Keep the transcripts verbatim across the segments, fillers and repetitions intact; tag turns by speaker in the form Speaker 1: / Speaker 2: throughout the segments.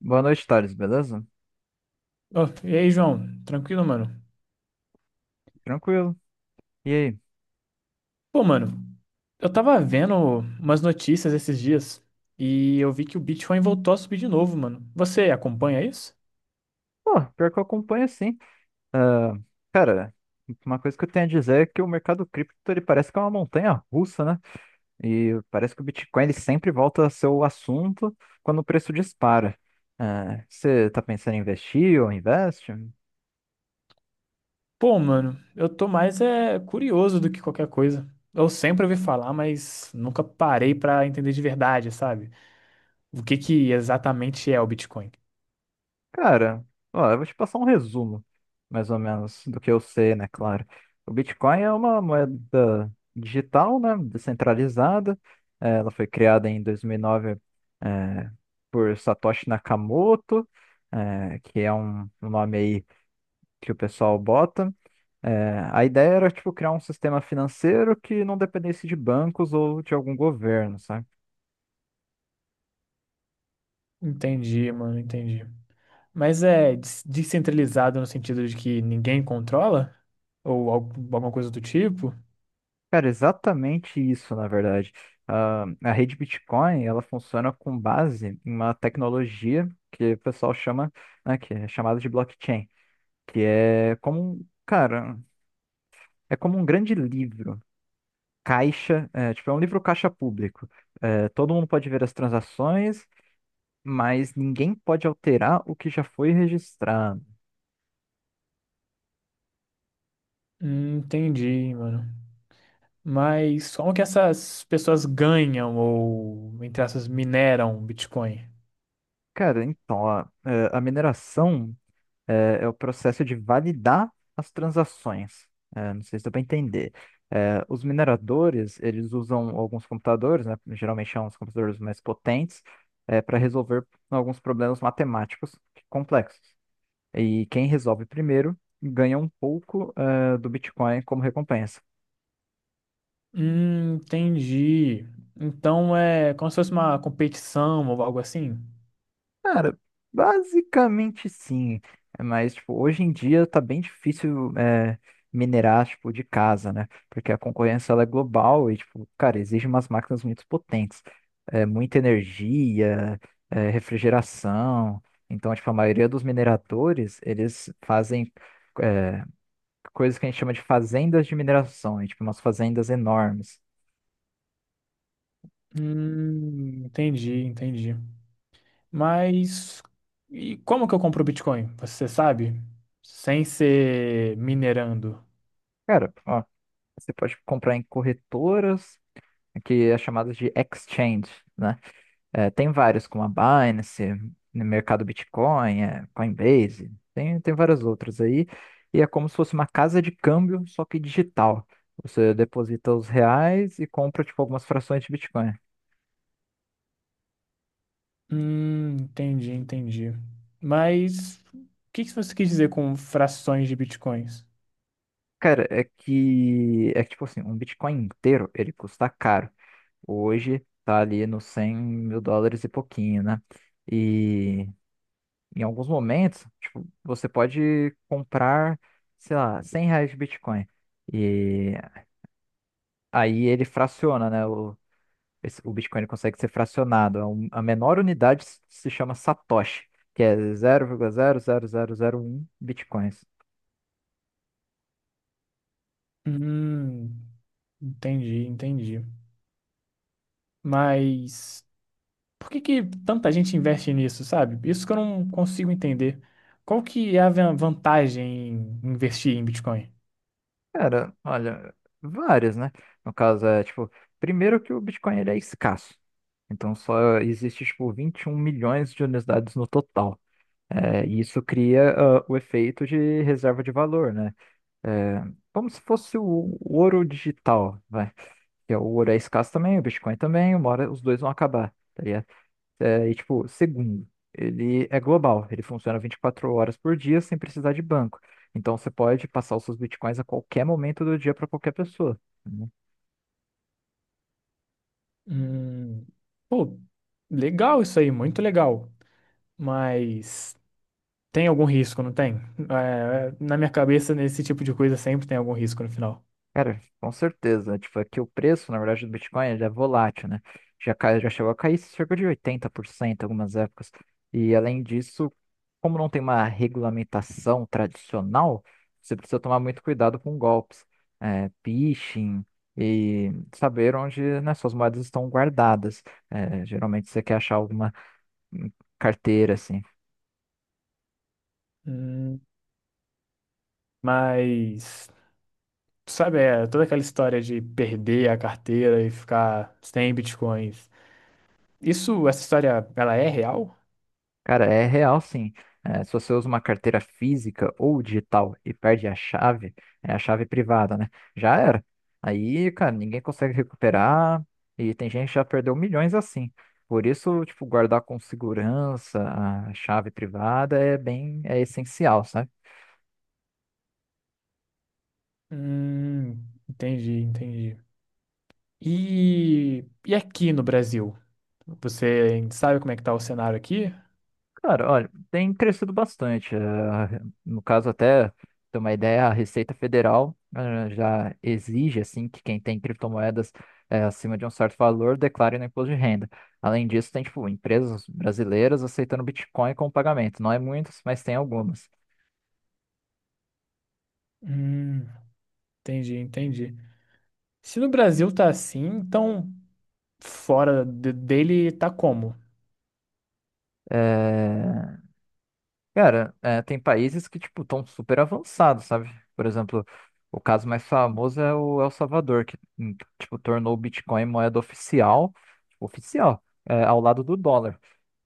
Speaker 1: Boa noite, Thales, beleza?
Speaker 2: Ô, e aí, João? Tranquilo, mano?
Speaker 1: Tranquilo. E aí?
Speaker 2: Pô, mano, eu tava vendo umas notícias esses dias e eu vi que o Bitcoin voltou a subir de novo, mano. Você acompanha isso?
Speaker 1: Pô, pior que eu acompanho sim. Ah, cara, uma coisa que eu tenho a dizer é que o mercado cripto ele parece que é uma montanha russa, né? E parece que o Bitcoin ele sempre volta a ser o assunto quando o preço dispara. Ah, você tá pensando em investir ou investe?
Speaker 2: Pô, mano, eu tô mais é curioso do que qualquer coisa. Eu sempre ouvi falar, mas nunca parei pra entender de verdade, sabe? O que que exatamente é o Bitcoin?
Speaker 1: Cara, ó, eu vou te passar um resumo, mais ou menos, do que eu sei, né? Claro. O Bitcoin é uma moeda digital, né? Descentralizada. Eh, Ela foi criada em dois mil e nove, eh, por Satoshi Nakamoto, eh, que é um, um nome aí que o pessoal bota. Eh, a ideia era, tipo, criar um sistema financeiro que não dependesse de bancos ou de algum governo, sabe?
Speaker 2: Entendi, mano, entendi. Mas é des- descentralizado no sentido de que ninguém controla? Ou algu- alguma coisa do tipo?
Speaker 1: Cara, exatamente isso, na verdade. Ah, a rede Bitcoin, ela funciona com base em uma tecnologia que o pessoal chama, né, que é chamada de blockchain, que é como, um- cara, é como um grande livro, caixa, é, tipo, é um livro caixa público. É, todo mundo pode ver as transações, mas ninguém pode alterar o que já foi registrado.
Speaker 2: Hum, Entendi, mano. Mas como que essas pessoas ganham ou, entre aspas, mineram Bitcoin?
Speaker 1: Cara, então, ó, é, a mineração É, é o processo de validar as transações. É, não sei se dá para entender. É, os mineradores, eles usam alguns computadores, né, geralmente são os computadores mais potentes, para resolver alguns problemas matemáticos complexos. E quem resolve primeiro ganha um pouco, é, do Bitcoin como recompensa.
Speaker 2: Hum, entendi. Então é como se fosse uma competição ou algo assim?
Speaker 1: Cara, basicamente sim. É, mas, tipo, hoje em dia tá bem difícil é, minerar, tipo, de casa, né? Porque a concorrência, ela é global e, tipo, cara, exige umas máquinas muito potentes. É, muita energia, é, refrigeração. Então, tipo, a maioria dos mineradores, eles fazem é, coisas que a gente chama de fazendas de mineração. É, tipo, umas fazendas enormes.
Speaker 2: Hum, entendi, entendi. Mas e como que eu compro Bitcoin? Você sabe? Sem ser minerando.
Speaker 1: Cara, ó, você pode comprar em corretoras, que é chamada de exchange, né? É, tem vários, como a Binance, no mercado Bitcoin, é, Coinbase, tem, tem várias outras aí. E é como se fosse uma casa de câmbio, só que digital. Você deposita os reais e compra, tipo, algumas frações de Bitcoin.
Speaker 2: Hum, entendi, entendi. Mas o que que você quis dizer com frações de Bitcoins?
Speaker 1: Cara, é que, é que, tipo assim, um Bitcoin inteiro, ele custa caro. Hoje tá ali nos cem mil dólares e pouquinho, né? E em alguns momentos, tipo, você pode comprar, sei lá, cem reais de Bitcoin. E aí ele fraciona, né? O, esse- o Bitcoin consegue ser fracionado. A, um- a menor unidade se se chama Satoshi, que é zero vírgula zero zero zero zero vírgula um Bitcoins.
Speaker 2: Hum, entendi, entendi. Mas por que que tanta gente investe nisso, sabe? Isso que eu não consigo entender. Qual que é a van- vantagem em investir em Bitcoin?
Speaker 1: Cara, olha, vários, né? No caso, é tipo, primeiro que o Bitcoin ele é escasso. Então só existe, tipo, vinte e um milhões de unidades no total. É, e isso cria ah, o efeito de reserva de valor, né? É, como se fosse o, o ouro digital, vai. Que é o ouro é escasso também, o Bitcoin também, uma hora os dois vão acabar, tá ligado? É, e tipo, segundo, ele é global, ele funciona vinte e quatro horas por dia sem precisar de banco. Então você pode passar os seus Bitcoins a qualquer momento do dia para qualquer pessoa, né?
Speaker 2: Hum, pô, legal isso aí, muito legal. Mas tem algum risco, não tem? É, é, na minha cabeça, nesse tipo de coisa sempre tem algum risco no final.
Speaker 1: Cara, com certeza. Tipo, é que o preço, na verdade, do Bitcoin ele é volátil, né? Já, cai, já chegou a cair cerca de oitenta por cento em algumas épocas. E além disso, como não tem uma regulamentação tradicional, você precisa tomar muito cuidado com golpes, é, phishing e saber onde, né, suas moedas estão guardadas. É, geralmente você quer achar alguma hum, carteira assim.
Speaker 2: Hum, mas, sabe, é, toda aquela história de perder a carteira e ficar sem Bitcoins. Isso, essa história, ela é real?
Speaker 1: Cara, é real sim. É, se você usa uma carteira física ou digital e perde a chave, é a chave privada, né? Já era. Aí, cara, ninguém consegue recuperar e tem gente que já perdeu milhões assim. Por isso, tipo, guardar com segurança a chave privada é bem, é essencial, sabe?
Speaker 2: Hum, entendi, entendi. E, e aqui no Brasil? Você sabe como é que tá o cenário aqui?
Speaker 1: Cara, olha, tem crescido bastante. eh, No caso, até ter uma ideia, a Receita Federal eh, já exige assim que quem tem criptomoedas eh, acima de um certo valor declare no imposto de renda. Além disso, tem tipo empresas brasileiras aceitando Bitcoin como pagamento. Não é muitas, mas tem algumas.
Speaker 2: Hum, entendi, entendi. Se no Brasil tá assim, então fora de- dele tá como?
Speaker 1: Eh, Cara, é, tem países que, tipo, estão super avançados, sabe? Por exemplo, o caso mais famoso é o El Salvador, que, hum, tipo, tornou o Bitcoin moeda oficial, oficial, é, ao lado do dólar.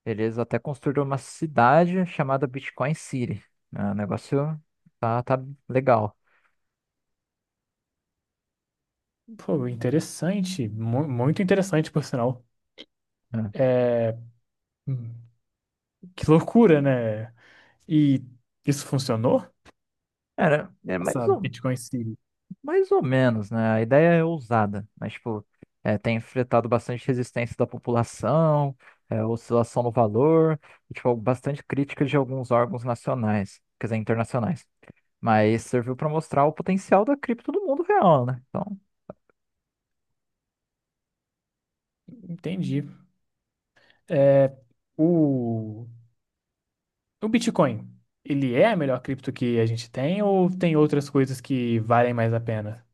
Speaker 1: Eles até construíram uma cidade chamada Bitcoin City, né? O negócio tá, tá legal.
Speaker 2: Pô, interessante, mu- muito interessante, por sinal.
Speaker 1: Né?
Speaker 2: É, hum, que loucura, né? E isso funcionou?
Speaker 1: Cara, é mais...
Speaker 2: Essa Bitcoin City.
Speaker 1: Mais ou menos, né? A ideia é ousada, mas, tipo, é, tem enfrentado bastante resistência da população, é, oscilação no valor, e, tipo, bastante crítica de alguns órgãos nacionais, quer dizer, internacionais. Mas serviu para mostrar o potencial da cripto do mundo real, né? Então.
Speaker 2: Entendi. É, o O Bitcoin, ele é a melhor cripto que a gente tem ou tem outras coisas que valem mais a pena?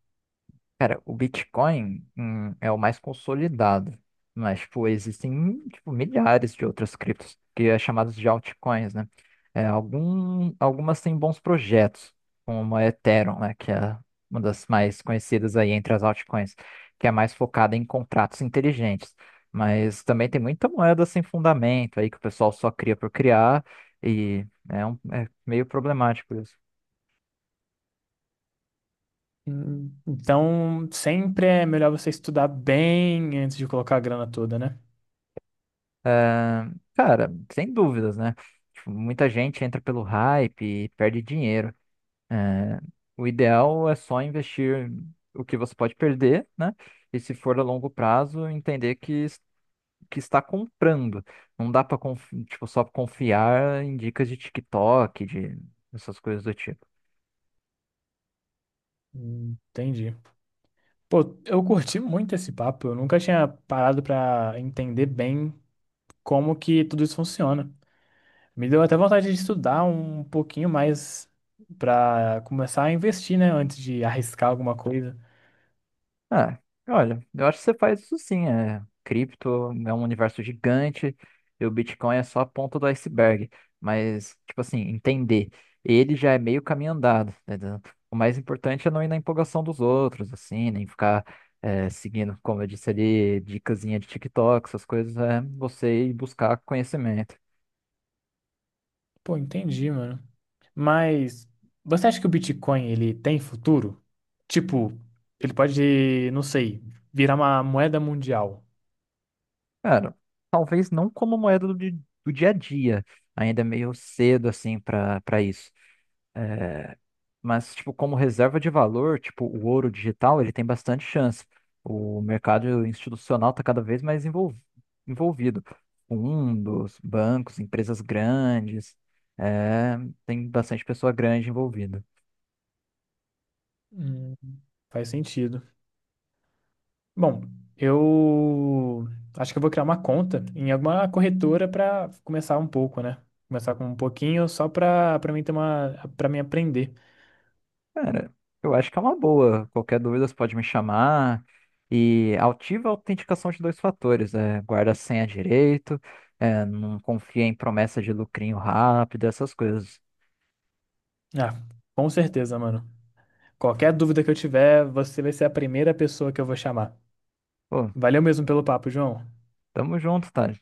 Speaker 1: Cara, o Bitcoin, hum, é o mais consolidado, mas, tipo, existem, tipo, milhares de outras criptos, que é chamadas de altcoins, né? É, algum, algumas têm bons projetos, como a Ethereum, né, que é uma das mais conhecidas aí entre as altcoins, que é mais focada em contratos inteligentes. Mas também tem muita moeda sem fundamento aí, que o pessoal só cria por criar, e é, um- é meio problemático isso.
Speaker 2: Hum, Então, sempre é melhor você estudar bem antes de colocar a grana toda, né?
Speaker 1: Ah, cara, sem dúvidas, né? Tipo, muita gente entra pelo hype e perde dinheiro. Ah, o ideal é só investir o que você pode perder, né? E se for a longo prazo, entender que, es- que está comprando. Não dá para tipo, só confiar em dicas de TikTok, de essas coisas do tipo.
Speaker 2: Hum, entendi. Pô, eu curti muito esse papo. Eu nunca tinha parado pra entender bem como que tudo isso funciona. Me deu até vontade de estudar um pouquinho mais pra começar a investir, né? Antes de arriscar alguma coisa.
Speaker 1: Ah, olha, eu acho que você faz isso sim. É. Cripto é um universo gigante e o Bitcoin é só a ponta do iceberg. Mas, tipo assim, entender. Ele já é meio caminho andado, tá. O mais importante é não ir na empolgação dos outros, assim, nem ficar é, seguindo, como eu disse ali, dicasinha de TikTok, essas coisas, é você ir buscar conhecimento.
Speaker 2: Pô, entendi, mano. Mas você acha que o Bitcoin ele tem futuro? Tipo, ele pode, não sei, virar uma moeda mundial.
Speaker 1: Cara, talvez não como moeda do, di- do dia a dia, ainda é meio cedo, assim, para para isso. eh, Mas, tipo, como reserva de valor, tipo, o ouro digital, ele tem bastante chance. O mercado institucional está cada vez mais envol- envolvido. Fundos, bancos, empresas grandes. É, tem bastante pessoa grande envolvida.
Speaker 2: Hum, faz sentido. Bom, eu acho que eu vou criar uma conta em alguma corretora pra começar um pouco, né? Começar com um pouquinho só pra, pra mim ter uma, para mim aprender.
Speaker 1: Cara, eu acho que é uma boa. Qualquer dúvida, você pode me chamar. E ativa a autenticação de dois fatores. É, guarda a senha direito. É, não confia em promessa de lucrinho rápido, essas coisas.
Speaker 2: Ah, com certeza, mano. Qualquer dúvida que eu tiver, você vai ser a primeira pessoa que eu vou chamar.
Speaker 1: Pô,
Speaker 2: Valeu mesmo pelo papo, João.
Speaker 1: tamo junto, Thales.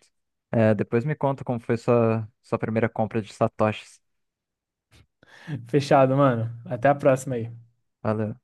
Speaker 1: É, depois me conta como foi sua, sua primeira compra de satoshis.
Speaker 2: Fechado, mano. Até a próxima aí.
Speaker 1: Valeu.